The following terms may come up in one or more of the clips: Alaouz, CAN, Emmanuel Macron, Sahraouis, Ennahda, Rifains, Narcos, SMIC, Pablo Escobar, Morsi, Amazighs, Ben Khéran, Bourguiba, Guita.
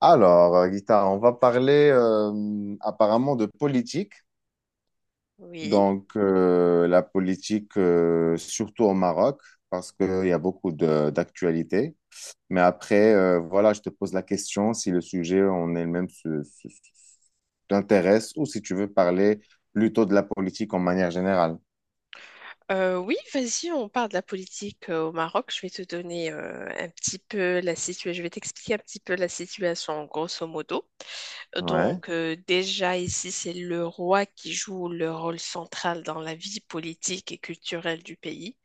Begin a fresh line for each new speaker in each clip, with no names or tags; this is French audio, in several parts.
Alors, Guita, on va parler apparemment de politique.
Oui,
Donc, la politique, surtout au Maroc, parce qu'il y a beaucoup d'actualités. Mais après, voilà, je te pose la question si le sujet en elle-même t'intéresse ou si tu veux parler plutôt de la politique en manière générale.
Oui, vas-y, on parle de la politique au Maroc. Je vais te donner un petit peu la situation. Je vais t'expliquer un petit peu la situation, grosso modo. Euh,
Ouais,
Donc, euh, déjà ici, c'est le roi qui joue le rôle central dans la vie politique et culturelle du pays.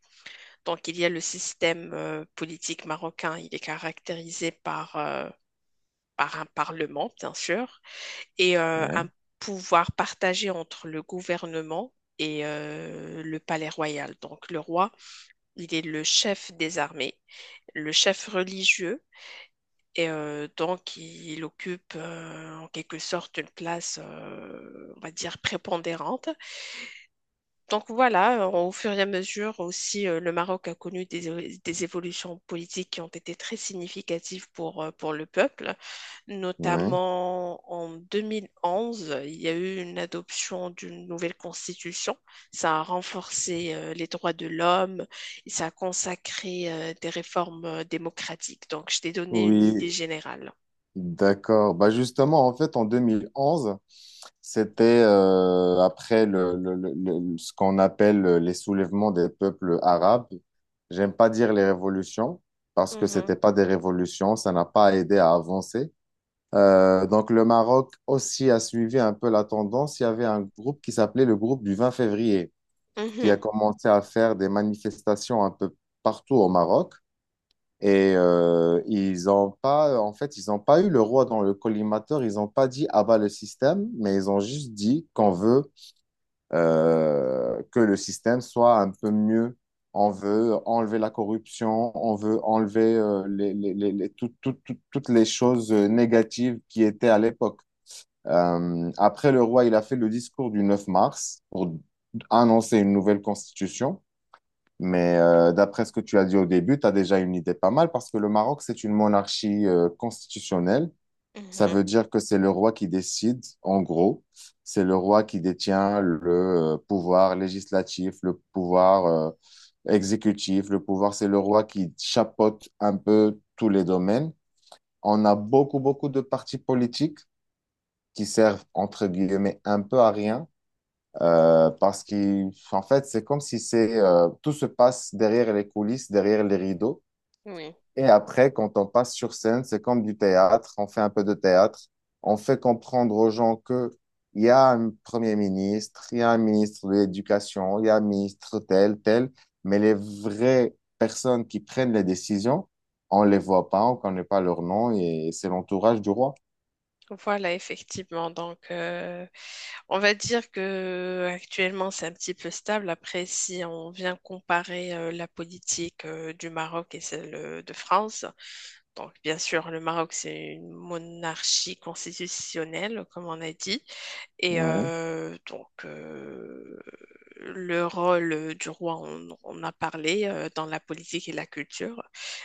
Donc, il y a le système politique marocain. Il est caractérisé par un parlement, bien sûr, et un
ouais,
pouvoir partagé entre le gouvernement et le palais royal. Donc, le roi il est le chef des armées, le chef religieux, et donc il occupe en quelque sorte une place, on va dire, prépondérante. Donc voilà, au fur et à mesure aussi, le Maroc a connu des évolutions politiques qui ont été très significatives pour le peuple.
ouais.
Notamment en 2011, il y a eu une adoption d'une nouvelle constitution. Ça a renforcé les droits de l'homme et ça a consacré des réformes démocratiques. Donc je t'ai donné une idée
Oui,
générale.
d'accord. Bah justement, en fait, en 2011, c'était après ce qu'on appelle les soulèvements des peuples arabes. J'aime pas dire les révolutions parce que
Mhm,
c'était pas des révolutions, ça n'a pas aidé à avancer. Donc le Maroc aussi a suivi un peu la tendance. Il y avait un groupe qui s'appelait le groupe du 20 février qui a
mhm,
commencé à faire des manifestations un peu partout au Maroc. Et ils n'ont pas, en fait, ils n'ont pas eu le roi dans le collimateur. Ils n'ont pas dit abat le système, mais ils ont juste dit qu'on veut que le système soit un peu mieux. On veut enlever la corruption, on veut enlever toutes les choses négatives qui étaient à l'époque. Après, le roi, il a fait le discours du 9 mars pour annoncer une nouvelle constitution. Mais d'après ce que tu as dit au début, tu as déjà une idée pas mal parce que le Maroc, c'est une monarchie constitutionnelle. Ça
mhm.
veut dire que c'est le roi qui décide, en gros. C'est le roi qui détient le pouvoir législatif, le pouvoir exécutif, le pouvoir. C'est le roi qui chapeaute un peu tous les domaines. On a beaucoup, beaucoup de partis politiques qui servent, entre guillemets, un peu à rien parce qu'en fait, c'est comme si c'est tout se passe derrière les coulisses, derrière les rideaux.
Oui.
Et après, quand on passe sur scène, c'est comme du théâtre. On fait un peu de théâtre. On fait comprendre aux gens que il y a un premier ministre, il y a un ministre de l'éducation, il y a un ministre tel, tel. Mais les vraies personnes qui prennent les décisions, on les voit pas, on connaît pas leur nom et c'est l'entourage du roi.
Voilà, effectivement. Donc, on va dire que actuellement c'est un petit peu stable. Après, si on vient comparer la politique du Maroc et celle de France, donc, bien sûr, le Maroc, c'est une monarchie constitutionnelle, comme on a dit. Et
Ouais.
donc, le rôle du roi, on a parlé dans la politique et la culture,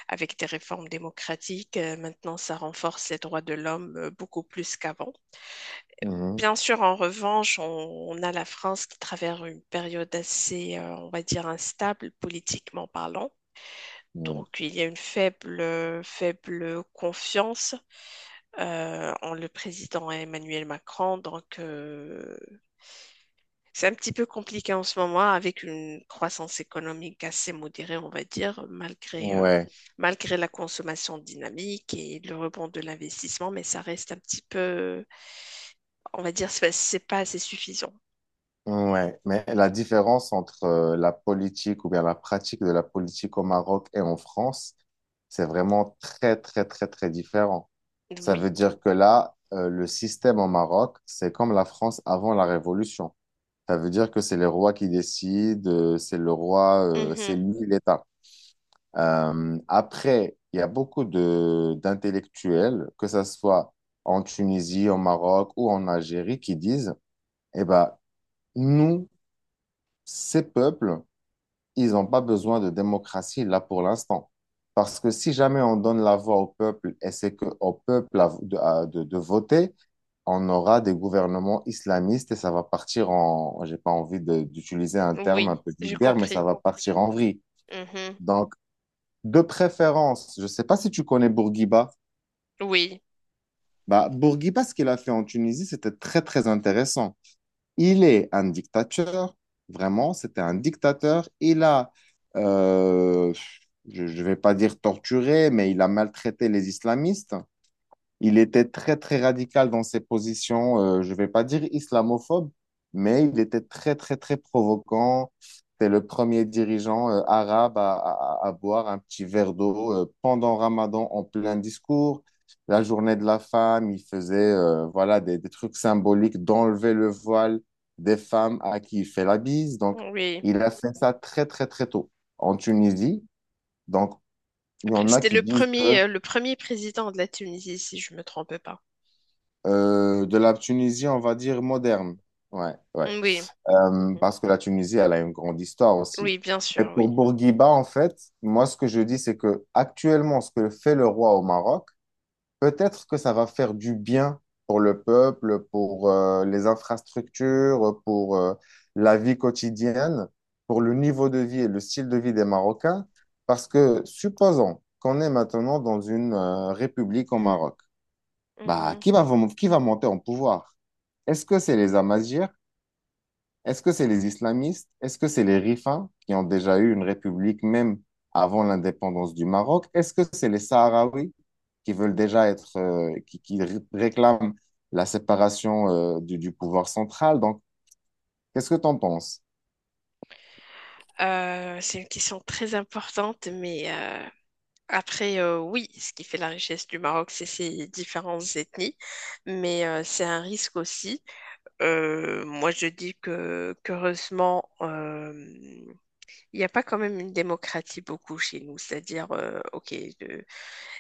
avec des réformes démocratiques. Maintenant, ça renforce les droits de l'homme beaucoup plus qu'avant.
Mhm.
Bien sûr, en revanche, on a la France qui traverse une période assez, on va dire, instable politiquement parlant.
Ouais.
Donc, il y a une faible confiance en le président Emmanuel Macron. Donc, c'est un petit peu compliqué en ce moment avec une croissance économique assez modérée, on va dire, malgré, euh,
Ouais.
malgré la consommation dynamique et le rebond de l'investissement, mais ça reste un petit peu, on va dire, c'est pas assez suffisant.
Ouais, mais la différence entre la politique ou bien la pratique de la politique au Maroc et en France, c'est vraiment très, très, très, très différent. Ça veut
Oui.
dire que là, le système au Maroc, c'est comme la France avant la Révolution. Ça veut dire que c'est les rois qui décident, c'est le roi, c'est
Mhm.
lui l'État. Après, il y a beaucoup de d'intellectuels, que ça soit en Tunisie, au Maroc ou en Algérie, qui disent, eh ben, nous, ces peuples, ils n'ont pas besoin de démocratie là pour l'instant. Parce que si jamais on donne la voix au peuple et c'est que au peuple de voter, on aura des gouvernements islamistes et ça va partir en, j'ai pas envie d'utiliser un terme un
Oui,
peu
j'ai
vulgaire, mais ça
compris.
va partir en vrille.
Mhm.
Donc, de préférence, je ne sais pas si tu connais Bourguiba.
Oui.
Bah, Bourguiba, ce qu'il a fait en Tunisie, c'était très, très intéressant. Il est un dictateur, vraiment, c'était un dictateur. Il a, euh, je ne vais pas dire torturé, mais il a maltraité les islamistes. Il était très, très radical dans ses positions, je ne vais pas dire islamophobe, mais il était très, très, très provocant. C'était le premier dirigeant arabe à boire un petit verre d'eau pendant Ramadan en plein discours. La journée de la femme, il faisait voilà, des trucs symboliques d'enlever le voile des femmes à qui il fait la bise. Donc,
Oui.
il a fait ça très, très, très tôt en Tunisie. Donc, il y
Après,
en a
c'était
qui
le
disent que
premier, euh, le premier président de la Tunisie, si je me trompe pas.
De la Tunisie, on va dire moderne. Ouais, ouais.
Oui. Mhm.
Parce que la Tunisie, elle a une grande histoire aussi.
Oui, bien
Et
sûr, oui.
pour Bourguiba, en fait, moi, ce que je dis, c'est que actuellement, ce que fait le roi au Maroc, peut-être que ça va faire du bien pour le peuple, pour les infrastructures, pour la vie quotidienne, pour le niveau de vie et le style de vie des Marocains. Parce que supposons qu'on est maintenant dans une république au Maroc. Bah,
Mhm.
qui va monter en pouvoir? Est-ce que c'est les Amazighs? Est-ce que c'est les islamistes? Est-ce que c'est les Rifains qui ont déjà eu une république même avant l'indépendance du Maroc? Est-ce que c'est les Sahraouis qui veulent déjà être, qui réclament la séparation, du pouvoir central? Donc, qu'est-ce que tu en penses?
C'est une question très importante, mais après, oui, ce qui fait la richesse du Maroc, c'est ses différentes ethnies, mais c'est un risque aussi. Moi, je dis que qu'heureusement, il n'y a pas quand même une démocratie beaucoup chez nous, c'est-à-dire, ok, de-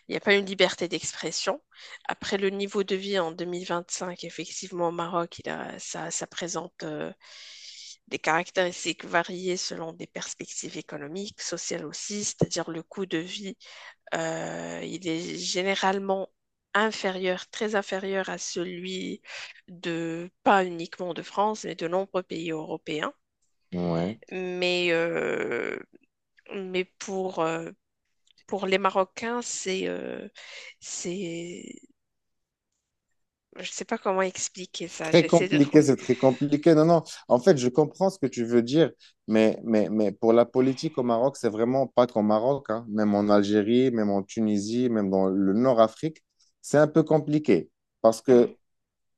il n'y a pas une liberté d'expression. Après, le niveau de vie en 2025, effectivement, au Maroc, ça, ça présente des caractéristiques variées selon des perspectives économiques, sociales aussi, c'est-à-dire le coût de vie, il est généralement inférieur, très inférieur à celui de, pas uniquement de France, mais de nombreux pays européens.
Ouais.
Mais, euh, mais pour les Marocains, c'est, je sais pas comment expliquer ça,
Très
j'essaie de
compliqué,
trouver.
c'est très compliqué. Non, non, en fait, je comprends ce que tu veux dire, mais pour la politique au Maroc, c'est vraiment pas qu'au Maroc, hein. Même en Algérie, même en Tunisie, même dans le Nord-Afrique, c'est un peu compliqué. Parce que
Mm.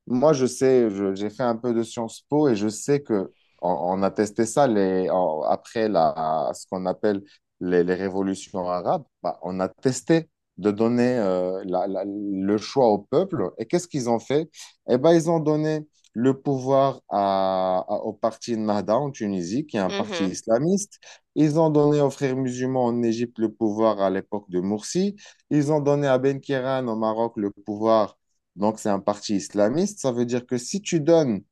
moi, je sais, j'ai fait un peu de Sciences Po et je sais que on, on a testé ça après ce qu'on appelle les révolutions arabes. Bah, on a testé de donner le choix au peuple. Et qu'est-ce qu'ils ont fait? Eh ben, ils ont donné le pouvoir au parti Ennahda en Tunisie, qui est un parti
Mhm.
islamiste. Ils ont donné aux frères musulmans en Égypte le pouvoir à l'époque de Morsi. Ils ont donné à Ben Khéran au Maroc le pouvoir. Donc, c'est un parti islamiste. Ça veut dire que si tu donnes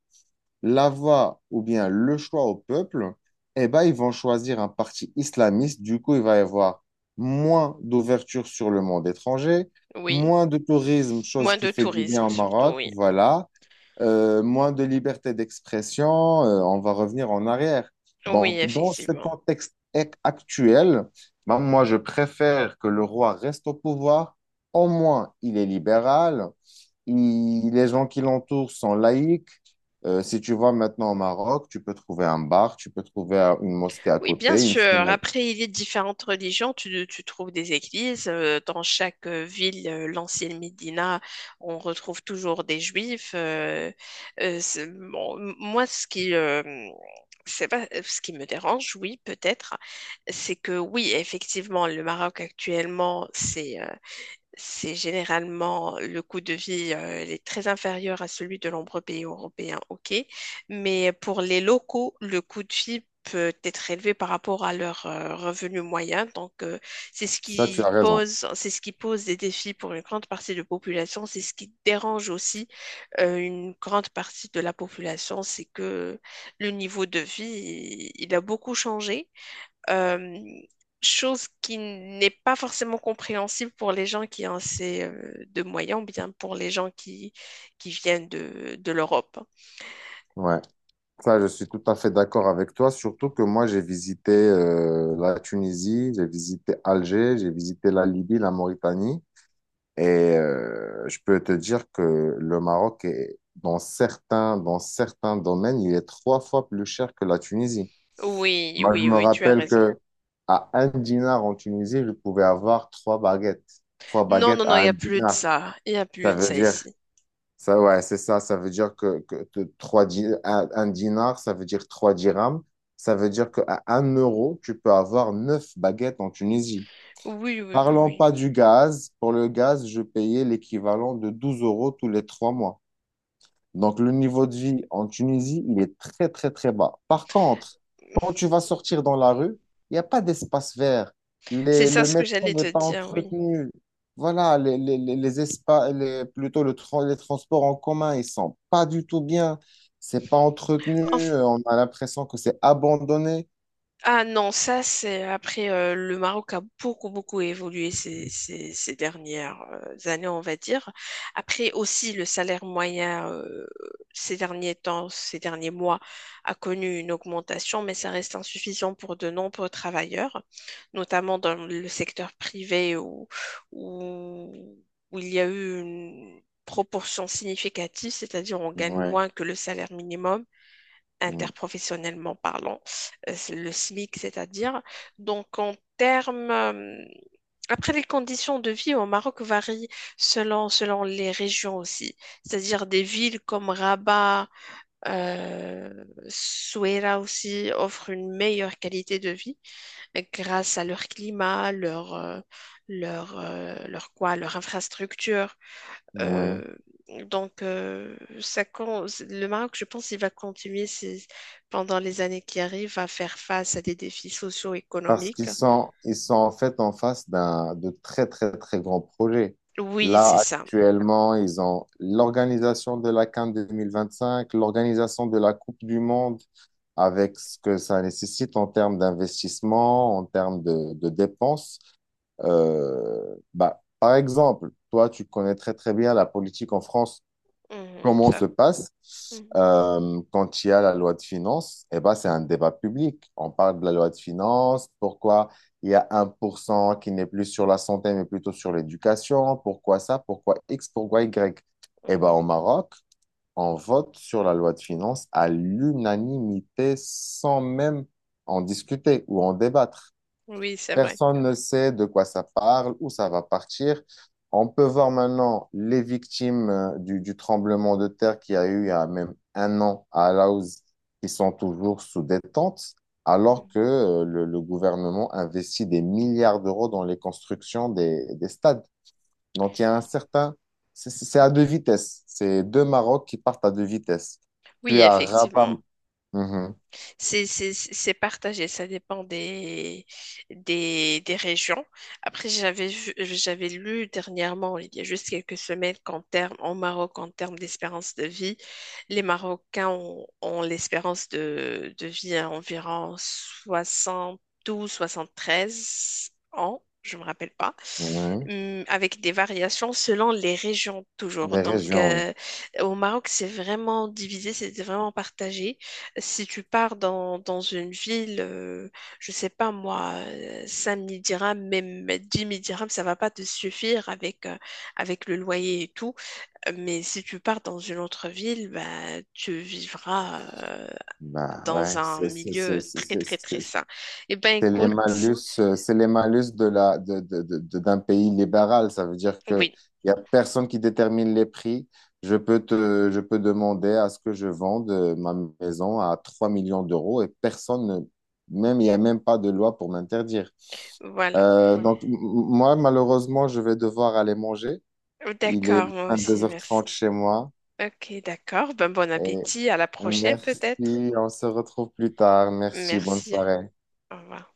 la voix ou bien le choix au peuple, eh ben, ils vont choisir un parti islamiste. Du coup, il va y avoir moins d'ouverture sur le monde étranger,
Oui,
moins de tourisme, chose
moins
qui
de
fait du bien
tourisme
au
surtout,
Maroc,
oui.
voilà, moins de liberté d'expression, on va revenir en arrière.
Oui,
Donc, dans ce
effectivement.
contexte actuel, ben, moi, je préfère que le roi reste au pouvoir. Au moins, il est libéral. Les gens qui l'entourent sont laïcs. Si tu vas maintenant au Maroc, tu peux trouver un bar, tu peux trouver une mosquée à
Oui, bien
côté, une
sûr.
synagogue.
Après, il y a différentes religions. Tu trouves des églises. Dans chaque ville, l'ancienne Médina, on retrouve toujours des juifs. Bon, moi, ce qui, c'est pas, ce qui me dérange, oui, peut-être, c'est que oui, effectivement, le Maroc actuellement, c'est généralement le coût de vie, il est très inférieur à celui de nombreux pays européens, ok. Mais pour les locaux, le coût de vie peut être élevé par rapport à leur revenu moyen. Donc, c'est ce
Ça, tu
qui
as raison.
pose, c'est ce qui pose des défis pour une grande partie de la population. C'est ce qui dérange aussi une grande partie de la population, c'est que le niveau de vie, il a beaucoup changé. Euh, Chose qui n'est pas forcément compréhensible pour les gens qui ont assez de moyens, ou bien pour les gens qui viennent de l'Europe.
Ouais. Ça, je suis tout à fait d'accord avec toi, surtout que moi, j'ai visité la Tunisie, j'ai visité Alger, j'ai visité la Libye, la Mauritanie. Et je peux te dire que le Maroc est, dans certains domaines, il est trois fois plus cher que la Tunisie.
Oui,
Moi, je
oui,
me
oui, tu as
rappelle
raison.
que à un dinar en Tunisie, je pouvais avoir trois baguettes. Trois
Non, non,
baguettes
non, il
à
n'y
un
a plus de
dinar.
ça. Il n'y a
Ça
plus de
veut
ça
dire,
ici.
ça, ouais, c'est ça. Ça veut dire que un dinar, ça veut dire trois dirhams. Ça veut dire qu'à un euro, tu peux avoir neuf baguettes en Tunisie.
Oui, oui,
Parlons
oui,
pas du gaz. Pour le gaz, je payais l'équivalent de 12 € tous les 3 mois. Donc, le niveau de vie en Tunisie, il est très, très, très bas. Par contre, quand
oui.
tu vas sortir dans la rue, il n'y a pas d'espace vert.
C'est ça
Le
ce que
métro
j'allais
n'est
te
pas
dire, oui.
entretenu. Voilà, les espaces, plutôt les transports en commun, ils sont pas du tout bien. C'est pas entretenu. On a l'impression que c'est abandonné.
Ah non, ça c'est après le Maroc a beaucoup beaucoup évolué ces dernières années, on va dire. Après aussi le salaire moyen ces derniers temps, ces derniers mois a connu une augmentation, mais ça reste insuffisant pour de nombreux travailleurs, notamment dans le secteur privé où, où il y a eu une proportion significative, c'est-à-dire on gagne
Ouais,
moins que le salaire minimum
oui,
interprofessionnellement parlant, le SMIC, c'est-à-dire. Donc, en termes. Après, les conditions de vie au Maroc varient selon les régions aussi, c'est-à-dire des villes comme Rabat, euh, Souaira aussi offrent une meilleure qualité de vie grâce à leur climat, leur leur infrastructure. Euh,
oui.
donc, le Maroc, je pense, il va continuer pendant les années qui arrivent à faire face à des défis
Parce
socio-économiques.
ils sont en fait en face d'un, de très, très, très grands projets.
Oui, c'est
Là,
ça.
actuellement, ils ont l'organisation de la CAN 2025, l'organisation de la Coupe du Monde, avec ce que ça nécessite en termes d'investissement, en termes de dépenses. Bah, par exemple, toi, tu connais très, très bien la politique en France
Mhm,
comment se
ça.
passe
Mhm,
quand il y a la loi de finances, eh ben, c'est un débat public. On parle de la loi de finances, pourquoi il y a 1% qui n'est plus sur la santé, mais plutôt sur l'éducation, pourquoi ça, pourquoi X, pourquoi Y. Eh ben,
mhm.
au Maroc, on vote sur la loi de finances à l'unanimité sans même en discuter ou en débattre.
Oui, c'est vrai.
Personne ne sait de quoi ça parle, où ça va partir. On peut voir maintenant les victimes du tremblement de terre qui a eu il y a même un an à Alaouz qui sont toujours sous détente, alors
Mhm.
que le gouvernement investit des milliards d'euros dans les constructions des stades. Donc il y a un certain... C'est à deux vitesses. C'est deux Maroc qui partent à deux vitesses.
Oui,
Tu as Rabat...
effectivement.
Mhm,
C'est partagé, ça dépend des régions. Après, j'avais lu dernièrement, il y a juste quelques semaines, qu'en termes, au Maroc, en termes d'espérance de vie, les Marocains ont l'espérance de vie à environ 73 ans, je me rappelle pas.
mhm.
Avec des variations selon les régions toujours.
Des
Donc,
régions, oui.
au Maroc, c'est vraiment divisé, c'est vraiment partagé. Si tu pars dans une ville, je sais pas moi, 5 000 dirhams, même 10 000 dirhams, ça va pas te suffire avec le loyer et tout. Mais si tu pars dans une autre ville, bah, tu vivras
Bah
dans
ouais,
un milieu très très très sain. Eh ben écoute,
C'est les malus de la, de- d'un pays libéral. Ça veut dire que
oui,
il y a personne qui détermine les prix. Je peux demander à ce que je vende ma maison à 3 millions d'euros et personne, même, il n'y a même pas de loi pour m'interdire.
voilà.
Ouais. Donc, moi, malheureusement, je vais devoir aller manger. Il est
D'accord, moi
deux
aussi,
heures
merci.
trente chez moi.
Ok, d'accord. Ben, bon
Et
appétit, à la prochaine
merci,
peut-être.
on se retrouve plus tard. Merci, bonne
Merci,
soirée.
au revoir.